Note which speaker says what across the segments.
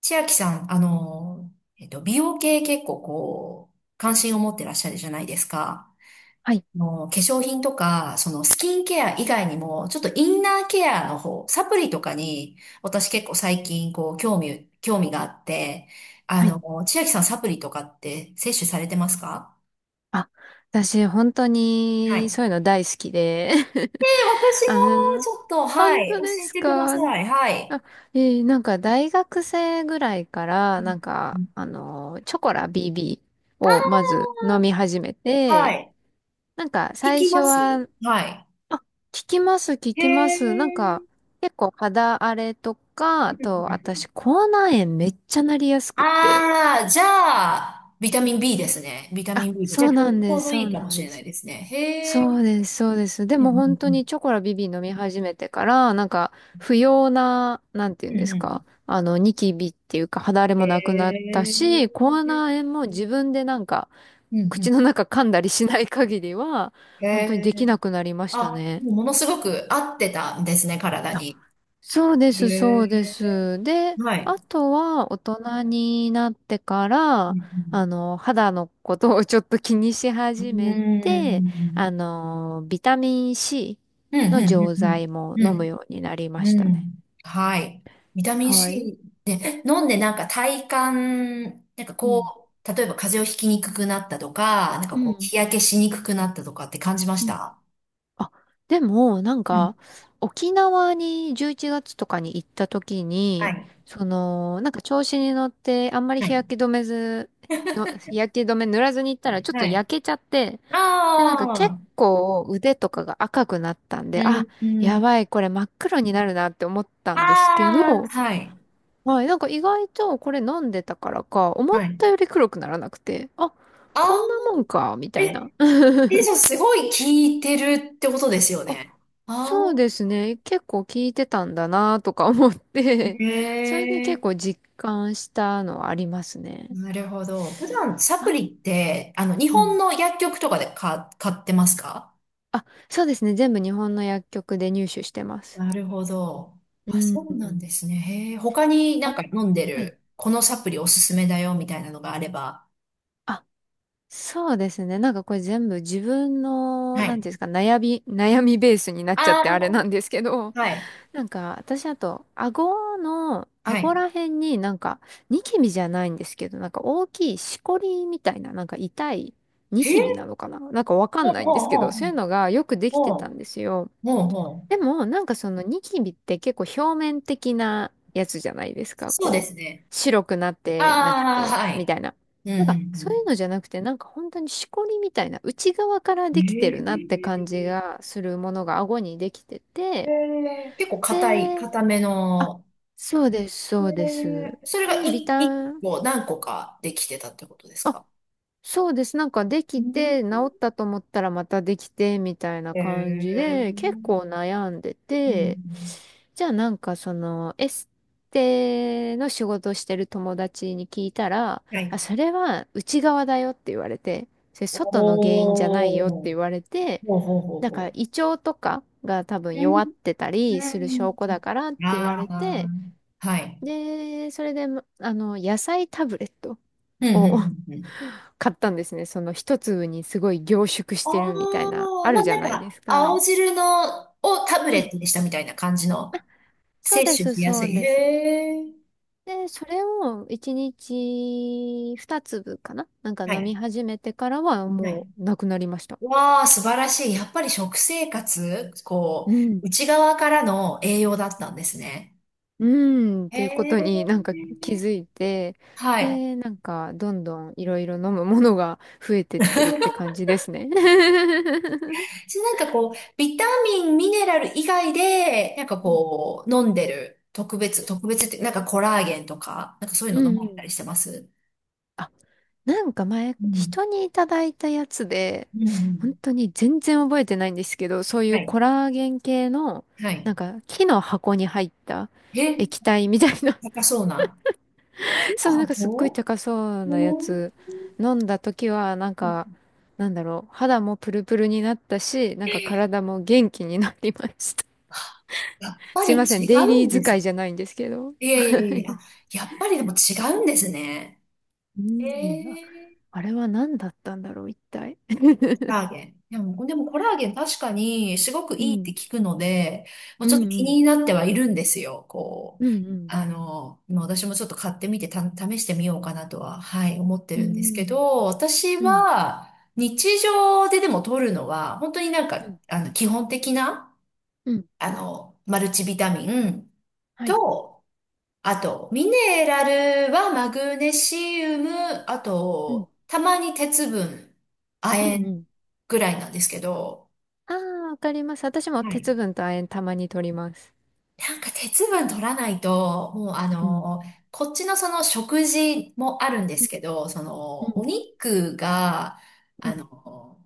Speaker 1: 千秋さん、美容系結構こう、関心を持ってらっしゃるじゃないですか。
Speaker 2: はい、
Speaker 1: 化粧品とか、そのスキンケア以外にも、ちょっとインナーケアの方、サプリとかに、私結構最近こう、興味があって、
Speaker 2: はい。
Speaker 1: 千秋さんサプリとかって摂取されてますか？
Speaker 2: あ、私、本当
Speaker 1: はい。
Speaker 2: に、そういうの大好きで。
Speaker 1: 私
Speaker 2: あ
Speaker 1: も
Speaker 2: の、
Speaker 1: ちょっと、は
Speaker 2: 本
Speaker 1: い、
Speaker 2: 当
Speaker 1: 教
Speaker 2: で
Speaker 1: え
Speaker 2: す
Speaker 1: てくだ
Speaker 2: か？
Speaker 1: さい。はい。
Speaker 2: あ、大学生ぐらいから、
Speaker 1: うんうん。
Speaker 2: チョコラ BB をまず飲み始め
Speaker 1: は
Speaker 2: て、
Speaker 1: い。聞
Speaker 2: 最
Speaker 1: き
Speaker 2: 初
Speaker 1: ます？
Speaker 2: は、
Speaker 1: はい。
Speaker 2: 効きます、効
Speaker 1: へ
Speaker 2: きます。
Speaker 1: え。
Speaker 2: 結構肌荒れとか、あと、私、口内炎めっちゃなりやすくて。
Speaker 1: ああ、じゃあ、ビタミン B ですね。ビタミ
Speaker 2: あ、
Speaker 1: ン B で。じ
Speaker 2: そ
Speaker 1: ゃあ、
Speaker 2: う
Speaker 1: ちょ
Speaker 2: な
Speaker 1: うち
Speaker 2: ん
Speaker 1: ょ
Speaker 2: で
Speaker 1: う
Speaker 2: す、
Speaker 1: ど
Speaker 2: そ
Speaker 1: い
Speaker 2: う
Speaker 1: いか
Speaker 2: な
Speaker 1: も
Speaker 2: ん
Speaker 1: し
Speaker 2: で
Speaker 1: れない
Speaker 2: す。
Speaker 1: ですね。へ
Speaker 2: そう
Speaker 1: え。
Speaker 2: です、そうです。で
Speaker 1: う
Speaker 2: も本当
Speaker 1: ん
Speaker 2: にチョコラビビ飲み始めてから、不要な、なんてい
Speaker 1: う
Speaker 2: うん
Speaker 1: んう
Speaker 2: で
Speaker 1: ん。うん
Speaker 2: す
Speaker 1: うん。
Speaker 2: か、あの、ニキビっていうか肌荒れ
Speaker 1: へ
Speaker 2: もなくなったし、
Speaker 1: え。
Speaker 2: 口内炎も自分で
Speaker 1: うんう
Speaker 2: 口
Speaker 1: ん。
Speaker 2: の中噛んだりしない限りは、
Speaker 1: へ
Speaker 2: 本当にでき
Speaker 1: え。
Speaker 2: なくなりました
Speaker 1: あ、
Speaker 2: ね。
Speaker 1: もうものすごく合ってたんですね、体に。
Speaker 2: そうで
Speaker 1: へ
Speaker 2: す、そうで
Speaker 1: え。
Speaker 2: す。で、
Speaker 1: は
Speaker 2: あ
Speaker 1: い。
Speaker 2: とは大人になってか
Speaker 1: う
Speaker 2: ら、
Speaker 1: ん
Speaker 2: あの、肌のことをちょっと気にし
Speaker 1: う
Speaker 2: 始
Speaker 1: ん。う
Speaker 2: め
Speaker 1: ー
Speaker 2: て、
Speaker 1: ん。
Speaker 2: あの、ビタミン C
Speaker 1: うん
Speaker 2: の
Speaker 1: うん
Speaker 2: 錠剤も
Speaker 1: うんうん。
Speaker 2: 飲むようになりま
Speaker 1: うん。
Speaker 2: した
Speaker 1: う
Speaker 2: ね。
Speaker 1: ん。はい。ビタミン
Speaker 2: はい。
Speaker 1: C。飲んでなんか体感、なんか
Speaker 2: うん。
Speaker 1: こう、例えば風邪をひきにくくなったとか、なんか
Speaker 2: う
Speaker 1: こう、
Speaker 2: ん。
Speaker 1: 日焼けしにくくなったとかって感じまし
Speaker 2: うん。
Speaker 1: た？
Speaker 2: あでも、なん
Speaker 1: うん。
Speaker 2: か、沖縄に11月とかに行った時
Speaker 1: は
Speaker 2: に、
Speaker 1: い。
Speaker 2: その、なんか調子に乗って、あんまり
Speaker 1: はい。
Speaker 2: 日焼け止め塗らずに行ったら、ちょっと
Speaker 1: はい。
Speaker 2: 焼けちゃって、で、なんか結
Speaker 1: ああ、
Speaker 2: 構腕とかが赤くなったん
Speaker 1: う
Speaker 2: で、
Speaker 1: ん、
Speaker 2: あ、
Speaker 1: う
Speaker 2: や
Speaker 1: ん。
Speaker 2: ばい、これ真っ黒になるなって思った
Speaker 1: あ
Speaker 2: んですけ
Speaker 1: あ、
Speaker 2: ど、
Speaker 1: はい。
Speaker 2: はい、なんか意外とこれ飲んでたからか、思っ
Speaker 1: はい。
Speaker 2: たより黒くならなくて、あ、
Speaker 1: あ
Speaker 2: こん
Speaker 1: あ、
Speaker 2: なもんか、みたいな。
Speaker 1: え、え、じゃあすごい聞いてるってことですよ
Speaker 2: あ、
Speaker 1: ね。あ
Speaker 2: そうで
Speaker 1: あ、
Speaker 2: すね。結構聞いてたんだなとか思っ
Speaker 1: へ
Speaker 2: て、それで結
Speaker 1: え、
Speaker 2: 構実感したのはありますね。
Speaker 1: なるほど。普段サプ
Speaker 2: あ、
Speaker 1: リって、日
Speaker 2: う
Speaker 1: 本
Speaker 2: ん。
Speaker 1: の薬局とかで買ってますか？
Speaker 2: あ、そうですね。全部日本の薬局で入手してます。
Speaker 1: なるほど。
Speaker 2: う
Speaker 1: あ、そうなん
Speaker 2: ん。
Speaker 1: ですね。へえ、他になん
Speaker 2: あ、
Speaker 1: か飲んで
Speaker 2: はい。
Speaker 1: る、このサプリおすすめだよみたいなのがあれば。
Speaker 2: あ、そうですね。なんかこれ全部自分の、
Speaker 1: は
Speaker 2: なん
Speaker 1: い。
Speaker 2: ていうんですか、悩みベースになっちゃってあれな
Speaker 1: あ
Speaker 2: んですけど、
Speaker 1: あ、はい。
Speaker 2: なんか、私あと、
Speaker 1: は
Speaker 2: 顎
Speaker 1: い。
Speaker 2: ら辺になんか、ニキビじゃないんですけど、なんか大きいしこりみたいな、なんか痛いニ
Speaker 1: へ
Speaker 2: キ
Speaker 1: え、
Speaker 2: ビなのかな、なんかわか
Speaker 1: ほ
Speaker 2: ん
Speaker 1: う
Speaker 2: ない
Speaker 1: ほ
Speaker 2: んで
Speaker 1: う
Speaker 2: すけ
Speaker 1: ほう
Speaker 2: ど、
Speaker 1: ほ
Speaker 2: そう
Speaker 1: う。
Speaker 2: いうのがよくできてたんで
Speaker 1: ほ
Speaker 2: すよ。
Speaker 1: うほ
Speaker 2: で
Speaker 1: う。
Speaker 2: も、なんかそのニキビって結構表面的なやつじゃないですか。
Speaker 1: そうで
Speaker 2: こ
Speaker 1: すね。
Speaker 2: う、白くなって、なんか
Speaker 1: ああ、
Speaker 2: こ
Speaker 1: は
Speaker 2: う、みた
Speaker 1: い。
Speaker 2: いな。
Speaker 1: うん
Speaker 2: なん
Speaker 1: う
Speaker 2: か、そういうの
Speaker 1: ん
Speaker 2: じゃなくて、なんか本当にしこりみたいな、内側から
Speaker 1: うん。へ
Speaker 2: できてるなって感じ
Speaker 1: え。
Speaker 2: がするものが顎にできて
Speaker 1: へ
Speaker 2: て、
Speaker 1: え結構
Speaker 2: で、
Speaker 1: 硬め
Speaker 2: あ
Speaker 1: の。
Speaker 2: そうです、
Speaker 1: へ
Speaker 2: そうで
Speaker 1: え。
Speaker 2: す。
Speaker 1: それが
Speaker 2: で、ビ
Speaker 1: い、一
Speaker 2: タン、
Speaker 1: 個何個かできてたってことです
Speaker 2: あ、
Speaker 1: か？
Speaker 2: そうです。なんかで
Speaker 1: う
Speaker 2: き
Speaker 1: ん。
Speaker 2: て、治ったと思ったらまたできて、みたいな
Speaker 1: へ
Speaker 2: 感じ
Speaker 1: え。う
Speaker 2: で、結
Speaker 1: ん
Speaker 2: 構悩んで
Speaker 1: う
Speaker 2: て、
Speaker 1: ん。
Speaker 2: じゃあなんかその、エステの仕事をしてる友達に聞いたら、
Speaker 1: は
Speaker 2: あ、
Speaker 1: い。
Speaker 2: それは内側だよって言われて、それ
Speaker 1: お
Speaker 2: 外の原因じゃないよって
Speaker 1: ー、
Speaker 2: 言われて、
Speaker 1: ほうほうほう
Speaker 2: だから
Speaker 1: ほ
Speaker 2: 胃腸とかが多分
Speaker 1: ね
Speaker 2: 弱ってた
Speaker 1: うう
Speaker 2: りする
Speaker 1: ん。
Speaker 2: 証拠
Speaker 1: う
Speaker 2: だからって
Speaker 1: ん。
Speaker 2: 言わ
Speaker 1: あ
Speaker 2: れ
Speaker 1: あ、
Speaker 2: て、
Speaker 1: はい。
Speaker 2: で、それで、まあの、野菜タブレット
Speaker 1: うん、うん、
Speaker 2: を
Speaker 1: うん。うん。
Speaker 2: 買ったんですね。その一粒にすごい凝縮し
Speaker 1: ああ、
Speaker 2: てるみたいな、あ
Speaker 1: ま
Speaker 2: る
Speaker 1: あ
Speaker 2: じゃ
Speaker 1: なん
Speaker 2: ないで
Speaker 1: か、
Speaker 2: すか。
Speaker 1: 青汁の、をタブ
Speaker 2: う
Speaker 1: レッ
Speaker 2: ん。
Speaker 1: トにしたみたいな感じの、
Speaker 2: あ、そう
Speaker 1: 摂
Speaker 2: で
Speaker 1: 取
Speaker 2: す、
Speaker 1: しや
Speaker 2: そ
Speaker 1: す
Speaker 2: う
Speaker 1: い。
Speaker 2: で
Speaker 1: へ
Speaker 2: す。
Speaker 1: え。
Speaker 2: で、それを一日二粒かな、なんか
Speaker 1: は
Speaker 2: 飲み
Speaker 1: い。
Speaker 2: 始めてからは
Speaker 1: はい。
Speaker 2: もうなくなりました。
Speaker 1: わあ、素晴らしい。やっぱり食生活、こ
Speaker 2: うん。
Speaker 1: う、内側からの栄養だったんですね。
Speaker 2: うん、うんっ
Speaker 1: へ
Speaker 2: ていうことに
Speaker 1: え。
Speaker 2: なんか気づいて、
Speaker 1: はい。
Speaker 2: で、なんかどんどんいろいろ飲むものが増えてってるって感じですね。
Speaker 1: 私なんかこう、ビタミン、ミネラル以外で、なんか
Speaker 2: うん
Speaker 1: こう、飲んでる特別、特別って、なんかコラーゲンとか、なんかそういう
Speaker 2: う
Speaker 1: の飲
Speaker 2: んう
Speaker 1: まれたり
Speaker 2: ん。
Speaker 1: してます？
Speaker 2: あ、なんか前、
Speaker 1: うん。
Speaker 2: 人にいただいたやつで、
Speaker 1: うんう
Speaker 2: 本
Speaker 1: ん。
Speaker 2: 当に全然覚えてないんですけど、そうい
Speaker 1: は
Speaker 2: う
Speaker 1: い。
Speaker 2: コラーゲン系の、
Speaker 1: は
Speaker 2: な
Speaker 1: い。
Speaker 2: んか木の箱に入った
Speaker 1: え、
Speaker 2: 液体みたいな。
Speaker 1: 高そうな。
Speaker 2: そう、なんかすっごい
Speaker 1: お
Speaker 2: 高そ
Speaker 1: お
Speaker 2: うなやつ
Speaker 1: ー。
Speaker 2: 飲んだ時は、なんか、なんだろう、肌もプルプルになったし、なんか体も元気になりました。
Speaker 1: やっ ぱ
Speaker 2: すい
Speaker 1: り
Speaker 2: ません、
Speaker 1: 違
Speaker 2: デイ
Speaker 1: う
Speaker 2: リー
Speaker 1: んで
Speaker 2: 使
Speaker 1: す。
Speaker 2: いじゃないんですけど。
Speaker 1: いやいや
Speaker 2: は
Speaker 1: いや、あ、
Speaker 2: い。
Speaker 1: やっぱりでも違うんですね。
Speaker 2: うん、あ
Speaker 1: え、
Speaker 2: あれは何だったんだろう、一体。
Speaker 1: コラ ーゲン。でもコラーゲン確かにすごく
Speaker 2: う
Speaker 1: いいっ
Speaker 2: ん
Speaker 1: て聞くので、もう
Speaker 2: う
Speaker 1: ちょっと
Speaker 2: んう
Speaker 1: 気に
Speaker 2: ん。
Speaker 1: なってはいるんですよ。こう、
Speaker 2: うんうん。
Speaker 1: もう私もちょっと買ってみてた、試してみようかなとは、はい、思って
Speaker 2: う
Speaker 1: るんですけ
Speaker 2: ん
Speaker 1: ど、私
Speaker 2: うん。
Speaker 1: は日常ででも取るのは、本当になん
Speaker 2: う
Speaker 1: か、
Speaker 2: ん。
Speaker 1: 基本的な、
Speaker 2: うん。
Speaker 1: マルチビタミン
Speaker 2: はい。
Speaker 1: と、あと、ミネラルはマグネシウム、あ
Speaker 2: うん。
Speaker 1: と、たまに鉄分、
Speaker 2: う
Speaker 1: 亜
Speaker 2: んう
Speaker 1: 鉛
Speaker 2: ん。
Speaker 1: ぐらいなんですけど、
Speaker 2: ああ、わかります。私も
Speaker 1: はい。
Speaker 2: 鉄分と亜鉛たまに取ります。
Speaker 1: なんか鉄分取らないと、もう
Speaker 2: うん。
Speaker 1: こっちのその食事もあるんで
Speaker 2: う
Speaker 1: す
Speaker 2: ん。
Speaker 1: けど、そ
Speaker 2: う
Speaker 1: のお
Speaker 2: ん
Speaker 1: 肉が、
Speaker 2: う
Speaker 1: あ
Speaker 2: ん。
Speaker 1: の、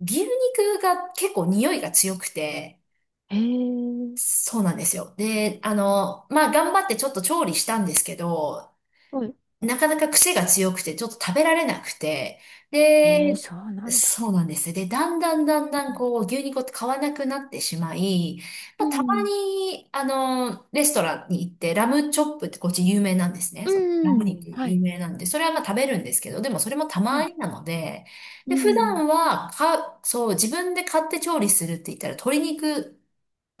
Speaker 1: 牛肉が結構匂いが強くて、
Speaker 2: へえ。
Speaker 1: そうなんですよ。で、まあ、頑張ってちょっと調理したんですけど、
Speaker 2: はい。
Speaker 1: なかなか癖が強くて、ちょっと食べられなくて、で、
Speaker 2: ええ、そうなんだ。
Speaker 1: そうなんですよ。で、だんだんだんだ
Speaker 2: う
Speaker 1: ん
Speaker 2: ん
Speaker 1: こう、牛肉を買わなくなってしまい、ま
Speaker 2: う
Speaker 1: あ、たま
Speaker 2: ん。
Speaker 1: に、レストランに行って、ラムチョップってこっち有名なんですね。そうラム肉
Speaker 2: は
Speaker 1: 有
Speaker 2: い。
Speaker 1: 名なんで、それはまあ食べるんですけど、でもそれもた
Speaker 2: は
Speaker 1: ま
Speaker 2: い。
Speaker 1: になので、
Speaker 2: う
Speaker 1: で、普
Speaker 2: ん。
Speaker 1: 段は、そう、自分で買って調理するって言ったら、鶏肉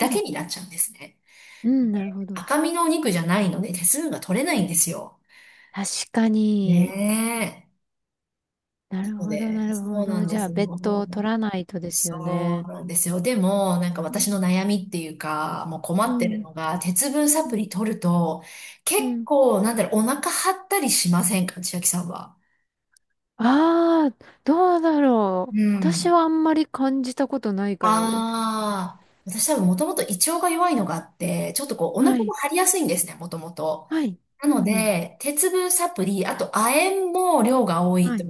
Speaker 2: うん。
Speaker 1: けになっちゃうんですね。
Speaker 2: う
Speaker 1: で、
Speaker 2: ん。なるほど。
Speaker 1: 赤身のお肉じゃないので、手数が取れな
Speaker 2: う
Speaker 1: いん
Speaker 2: ん。
Speaker 1: ですよ。
Speaker 2: 確かに。
Speaker 1: ねえ。
Speaker 2: な
Speaker 1: そ
Speaker 2: る
Speaker 1: う
Speaker 2: ほど、な
Speaker 1: で、
Speaker 2: るほ
Speaker 1: そうな
Speaker 2: ど。
Speaker 1: ん
Speaker 2: じ
Speaker 1: で
Speaker 2: ゃあ、
Speaker 1: すよ。
Speaker 2: 別途取らないとですよ
Speaker 1: そう
Speaker 2: ね。
Speaker 1: なんですよ。でも、なんか
Speaker 2: うん。
Speaker 1: 私の悩みっていうか、もう困
Speaker 2: う
Speaker 1: ってる
Speaker 2: ん。
Speaker 1: のが、鉄分サプリ取ると、結
Speaker 2: うん。
Speaker 1: 構、なんだろう、お腹張ったりしませんか、千秋さんは？
Speaker 2: ああ、どうだろ
Speaker 1: う
Speaker 2: う。私
Speaker 1: ん。
Speaker 2: はあんまり感じたことないかもです。
Speaker 1: ああ、私多分もともと胃腸が弱いのがあって、ちょっとこう、お腹
Speaker 2: は
Speaker 1: も
Speaker 2: い。
Speaker 1: 張りやすいんですね、もともと。
Speaker 2: はい。
Speaker 1: な
Speaker 2: う
Speaker 1: の
Speaker 2: んうん。
Speaker 1: で、鉄分サプリ、あと亜鉛も量が多い
Speaker 2: は
Speaker 1: と、
Speaker 2: い。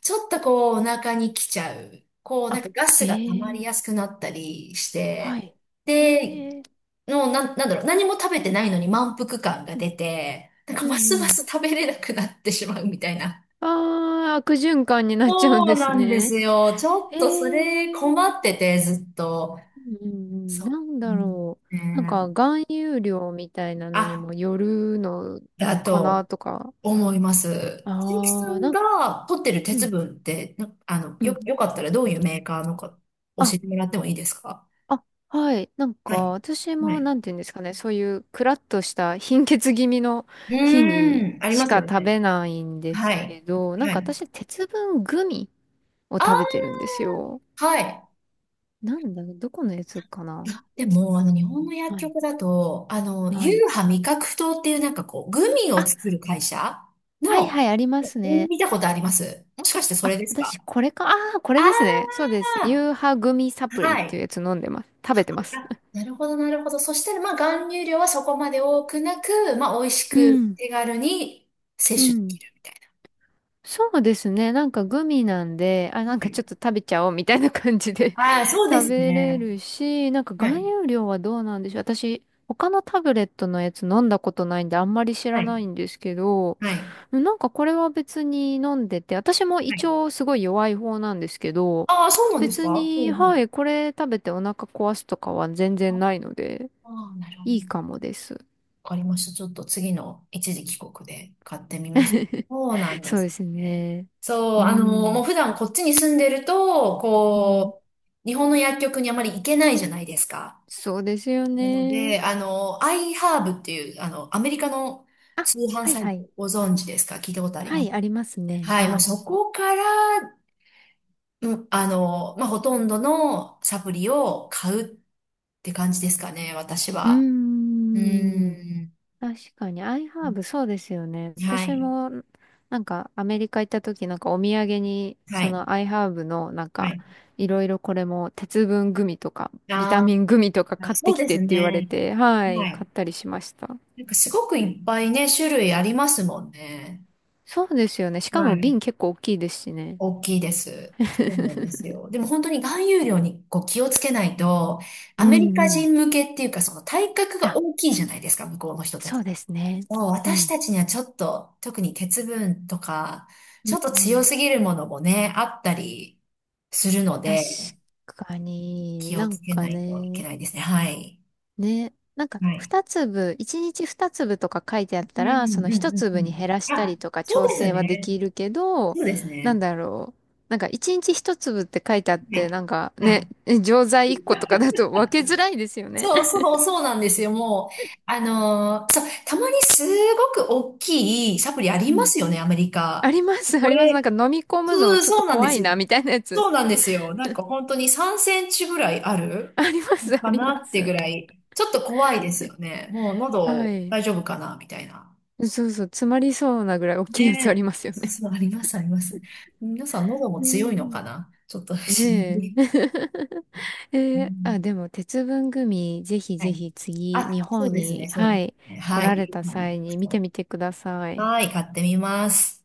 Speaker 1: ちょっとこうお腹に来ちゃう。こうなん
Speaker 2: あ、
Speaker 1: かガ
Speaker 2: え
Speaker 1: スが溜まり
Speaker 2: え、
Speaker 1: やすくなったりし
Speaker 2: は
Speaker 1: て、
Speaker 2: い。へ
Speaker 1: で、
Speaker 2: え。
Speaker 1: の、なん、なんだろう、何も食べてないのに満腹感が
Speaker 2: うん
Speaker 1: 出て、なん
Speaker 2: う
Speaker 1: かま
Speaker 2: ん
Speaker 1: すま
Speaker 2: うん。
Speaker 1: す食べれなくなってしまうみたいな。
Speaker 2: ああ、悪循環になっちゃうん
Speaker 1: そう
Speaker 2: です
Speaker 1: なんで
Speaker 2: ね。
Speaker 1: すよ。ちょっ
Speaker 2: え
Speaker 1: とそれ
Speaker 2: え、うん
Speaker 1: 困ってて、ずっと。
Speaker 2: うんうん。
Speaker 1: そ
Speaker 2: なん
Speaker 1: う。う
Speaker 2: だ
Speaker 1: ん、
Speaker 2: ろう。なんか
Speaker 1: ね。
Speaker 2: 含有量みたいなのに
Speaker 1: あ、
Speaker 2: もよるの
Speaker 1: あ
Speaker 2: か
Speaker 1: と、
Speaker 2: なとか。
Speaker 1: 思います。千秋さ
Speaker 2: ああ、
Speaker 1: ん
Speaker 2: なん、
Speaker 1: が取ってる
Speaker 2: う
Speaker 1: 鉄
Speaker 2: ん。
Speaker 1: 分って、なあの、
Speaker 2: うん。
Speaker 1: よかったらどういうメーカーのか教
Speaker 2: あ
Speaker 1: えてもらってもいいですか？
Speaker 2: あ、はい。なん
Speaker 1: は
Speaker 2: か、
Speaker 1: い。
Speaker 2: 私
Speaker 1: は
Speaker 2: も、
Speaker 1: い。
Speaker 2: なんていうんですかね、そういう、クラッとした貧血気味の
Speaker 1: う
Speaker 2: 日に
Speaker 1: ーん、あり
Speaker 2: し
Speaker 1: ます
Speaker 2: か
Speaker 1: よ
Speaker 2: 食
Speaker 1: ね。
Speaker 2: べないんで
Speaker 1: は
Speaker 2: す
Speaker 1: い。
Speaker 2: けど、なん
Speaker 1: は
Speaker 2: か
Speaker 1: い。
Speaker 2: 私、鉄分グミを
Speaker 1: あー、
Speaker 2: 食べてるんですよ。
Speaker 1: はい。
Speaker 2: なんだ、どこのやつか
Speaker 1: い
Speaker 2: な？
Speaker 1: やでも、日本の薬
Speaker 2: はい。
Speaker 1: 局だと、
Speaker 2: はい。
Speaker 1: ユーハ味覚糖っていうなんかこう、グミを
Speaker 2: あ、
Speaker 1: 作る会社
Speaker 2: はい
Speaker 1: の、
Speaker 2: はい、ありますね。
Speaker 1: 見たことあります？もしかしてそ
Speaker 2: あ、
Speaker 1: れですか？
Speaker 2: 私、これか。ああ、これですね。
Speaker 1: あ
Speaker 2: そうです。ユーハグミサ
Speaker 1: あー、
Speaker 2: プリっ
Speaker 1: は
Speaker 2: てい
Speaker 1: い。
Speaker 2: うやつ飲んでます。食べてます。
Speaker 1: あ、なるほど、なるほど。そしたら、まあ、含有量はそこまで多くなく、まあ、美味し
Speaker 2: う
Speaker 1: く
Speaker 2: ん。
Speaker 1: 手軽に
Speaker 2: う
Speaker 1: 摂取でき
Speaker 2: ん。
Speaker 1: るみたい
Speaker 2: そうですね。なんかグミなんで、あ、
Speaker 1: な。
Speaker 2: なん
Speaker 1: は
Speaker 2: かちょ
Speaker 1: い。
Speaker 2: っと食べちゃおうみたいな感じで
Speaker 1: ああ、そう で
Speaker 2: 食
Speaker 1: す
Speaker 2: べれ
Speaker 1: ね。
Speaker 2: るし、なんか
Speaker 1: は
Speaker 2: 含
Speaker 1: い。
Speaker 2: 有量はどうなんでしょう。私、他のタブレットのやつ飲んだことないんであんまり知
Speaker 1: は
Speaker 2: ら
Speaker 1: い。
Speaker 2: ないんですけど、
Speaker 1: はい。
Speaker 2: なんかこれは別に飲んでて、私も胃
Speaker 1: はい。
Speaker 2: 腸すごい弱い方なんですけど、
Speaker 1: ああ、そうなんです
Speaker 2: 別
Speaker 1: か？ほ
Speaker 2: に、
Speaker 1: うほ
Speaker 2: は
Speaker 1: う。
Speaker 2: い、これ食べてお腹壊すとかは全然
Speaker 1: あ
Speaker 2: ないので、
Speaker 1: あー、なるほど。
Speaker 2: いいかもです。
Speaker 1: わかりました。ちょっと次の一時帰国で買ってみます。そうなんで
Speaker 2: そう
Speaker 1: す
Speaker 2: です
Speaker 1: ね。
Speaker 2: ね。
Speaker 1: そう、
Speaker 2: う
Speaker 1: もう
Speaker 2: ん。
Speaker 1: 普段こっちに住んでると、
Speaker 2: うん。
Speaker 1: こう、日本の薬局にあまり行けないじゃないですか。
Speaker 2: そうですよ
Speaker 1: なの
Speaker 2: ね。
Speaker 1: で、iHerb っていう、アメリカの
Speaker 2: あ、
Speaker 1: 通販
Speaker 2: はい
Speaker 1: サイ
Speaker 2: はい。
Speaker 1: ト、ご存知ですか？聞いたことあり
Speaker 2: は
Speaker 1: ます？
Speaker 2: い、ありますね。
Speaker 1: はい、
Speaker 2: は
Speaker 1: もう
Speaker 2: い。
Speaker 1: そこから、うん、まあ、ほとんどのサプリを買うって感じですかね、私
Speaker 2: う
Speaker 1: は。
Speaker 2: ー
Speaker 1: う
Speaker 2: ん。
Speaker 1: ーん。
Speaker 2: 確かに、アイハーブ、そうですよね。
Speaker 1: は
Speaker 2: 私
Speaker 1: い、
Speaker 2: も、なんか、アメリカ行った時、なんか、お土産に、
Speaker 1: は
Speaker 2: そ
Speaker 1: い、
Speaker 2: の、アイハーブの、なん
Speaker 1: は
Speaker 2: か、
Speaker 1: い。
Speaker 2: いろいろこれも、鉄分グミとか、ビタ
Speaker 1: あ
Speaker 2: ミングミとか
Speaker 1: あ、
Speaker 2: 買っ
Speaker 1: そ
Speaker 2: て
Speaker 1: う
Speaker 2: き
Speaker 1: で
Speaker 2: てっ
Speaker 1: す
Speaker 2: て言われ
Speaker 1: ね。
Speaker 2: て、は
Speaker 1: は
Speaker 2: い、買
Speaker 1: い。
Speaker 2: ったりしました。
Speaker 1: なんかすごくいっぱいね、種類ありますもんね。
Speaker 2: そうですよね。しか
Speaker 1: は
Speaker 2: も、瓶
Speaker 1: い。
Speaker 2: 結構大きいですしね。
Speaker 1: 大きいです。そうな んですよ。でも本当に含有量にこう気をつけないと、
Speaker 2: う
Speaker 1: アメリカ
Speaker 2: んうん。
Speaker 1: 人向けっていうか、その体格が
Speaker 2: あ、
Speaker 1: 大きいじゃないですか、向こうの人たち。
Speaker 2: そうですね。
Speaker 1: そう
Speaker 2: う
Speaker 1: 私
Speaker 2: ん。
Speaker 1: たちにはちょっと、特に鉄分とか、
Speaker 2: う
Speaker 1: ちょ
Speaker 2: ん
Speaker 1: っと
Speaker 2: う
Speaker 1: 強
Speaker 2: ん。
Speaker 1: すぎるものもね、あったりするの
Speaker 2: 確
Speaker 1: で、
Speaker 2: かに、
Speaker 1: 気を
Speaker 2: な
Speaker 1: つ
Speaker 2: ん
Speaker 1: け
Speaker 2: か
Speaker 1: ないといけ
Speaker 2: ね。
Speaker 1: ないですね。はい。
Speaker 2: ね。なんか、
Speaker 1: はい。
Speaker 2: 二粒、一日二粒とか書いてあっ
Speaker 1: う
Speaker 2: た
Speaker 1: ん、う
Speaker 2: ら、そ
Speaker 1: ん、
Speaker 2: の一
Speaker 1: うん、う
Speaker 2: 粒に減らし
Speaker 1: ん。
Speaker 2: た
Speaker 1: あ、
Speaker 2: りとか
Speaker 1: そう
Speaker 2: 調
Speaker 1: です
Speaker 2: 整はで
Speaker 1: ね。
Speaker 2: きるけど、
Speaker 1: そうです
Speaker 2: なん
Speaker 1: ね。
Speaker 2: だろう。なんか、一日一粒って書いてあっ
Speaker 1: は
Speaker 2: て、
Speaker 1: い。
Speaker 2: なんか
Speaker 1: は
Speaker 2: ね、
Speaker 1: い。
Speaker 2: え、錠剤一個とかだと分けづらいですよね。
Speaker 1: そうそう、そうなんですよ。もう、そう、たまにすごく大きいサプリあ
Speaker 2: う
Speaker 1: りま
Speaker 2: ん。
Speaker 1: すよね、アメリ
Speaker 2: あ
Speaker 1: カ。
Speaker 2: ります、あ
Speaker 1: こ
Speaker 2: ります。なん
Speaker 1: れ、
Speaker 2: か飲み込む
Speaker 1: そ
Speaker 2: の
Speaker 1: う、
Speaker 2: ちょっ
Speaker 1: そ
Speaker 2: と
Speaker 1: うなんで
Speaker 2: 怖
Speaker 1: す
Speaker 2: い
Speaker 1: よ。
Speaker 2: な、みたいなやつ。
Speaker 1: そうなんですよ。なんか本当に3センチぐらいあ る
Speaker 2: あります、あ
Speaker 1: か
Speaker 2: り
Speaker 1: な
Speaker 2: ま
Speaker 1: って
Speaker 2: す。
Speaker 1: ぐらい、ちょっと怖いですよね。もう
Speaker 2: は
Speaker 1: 喉
Speaker 2: い。
Speaker 1: 大丈夫かなみたいな。
Speaker 2: そうそう、詰まりそうなぐらい大きいやつあり
Speaker 1: ねえ。
Speaker 2: ますよ
Speaker 1: そう
Speaker 2: ね。
Speaker 1: そう、あります、あります。皆さん喉も
Speaker 2: うん
Speaker 1: 強いの
Speaker 2: う
Speaker 1: か
Speaker 2: ん。
Speaker 1: な、ちょっと不思議。
Speaker 2: ねえ。
Speaker 1: う
Speaker 2: えー、あ、
Speaker 1: ん、
Speaker 2: でも、鉄分グミ、ぜひ
Speaker 1: は
Speaker 2: ぜ
Speaker 1: い。
Speaker 2: ひ次、
Speaker 1: あ、
Speaker 2: 日
Speaker 1: そう
Speaker 2: 本
Speaker 1: ですね、
Speaker 2: に、
Speaker 1: そうで
Speaker 2: は
Speaker 1: す
Speaker 2: い、
Speaker 1: ね。
Speaker 2: 来
Speaker 1: は
Speaker 2: られ
Speaker 1: い。
Speaker 2: た際に見てみてください。
Speaker 1: はい、買ってみます。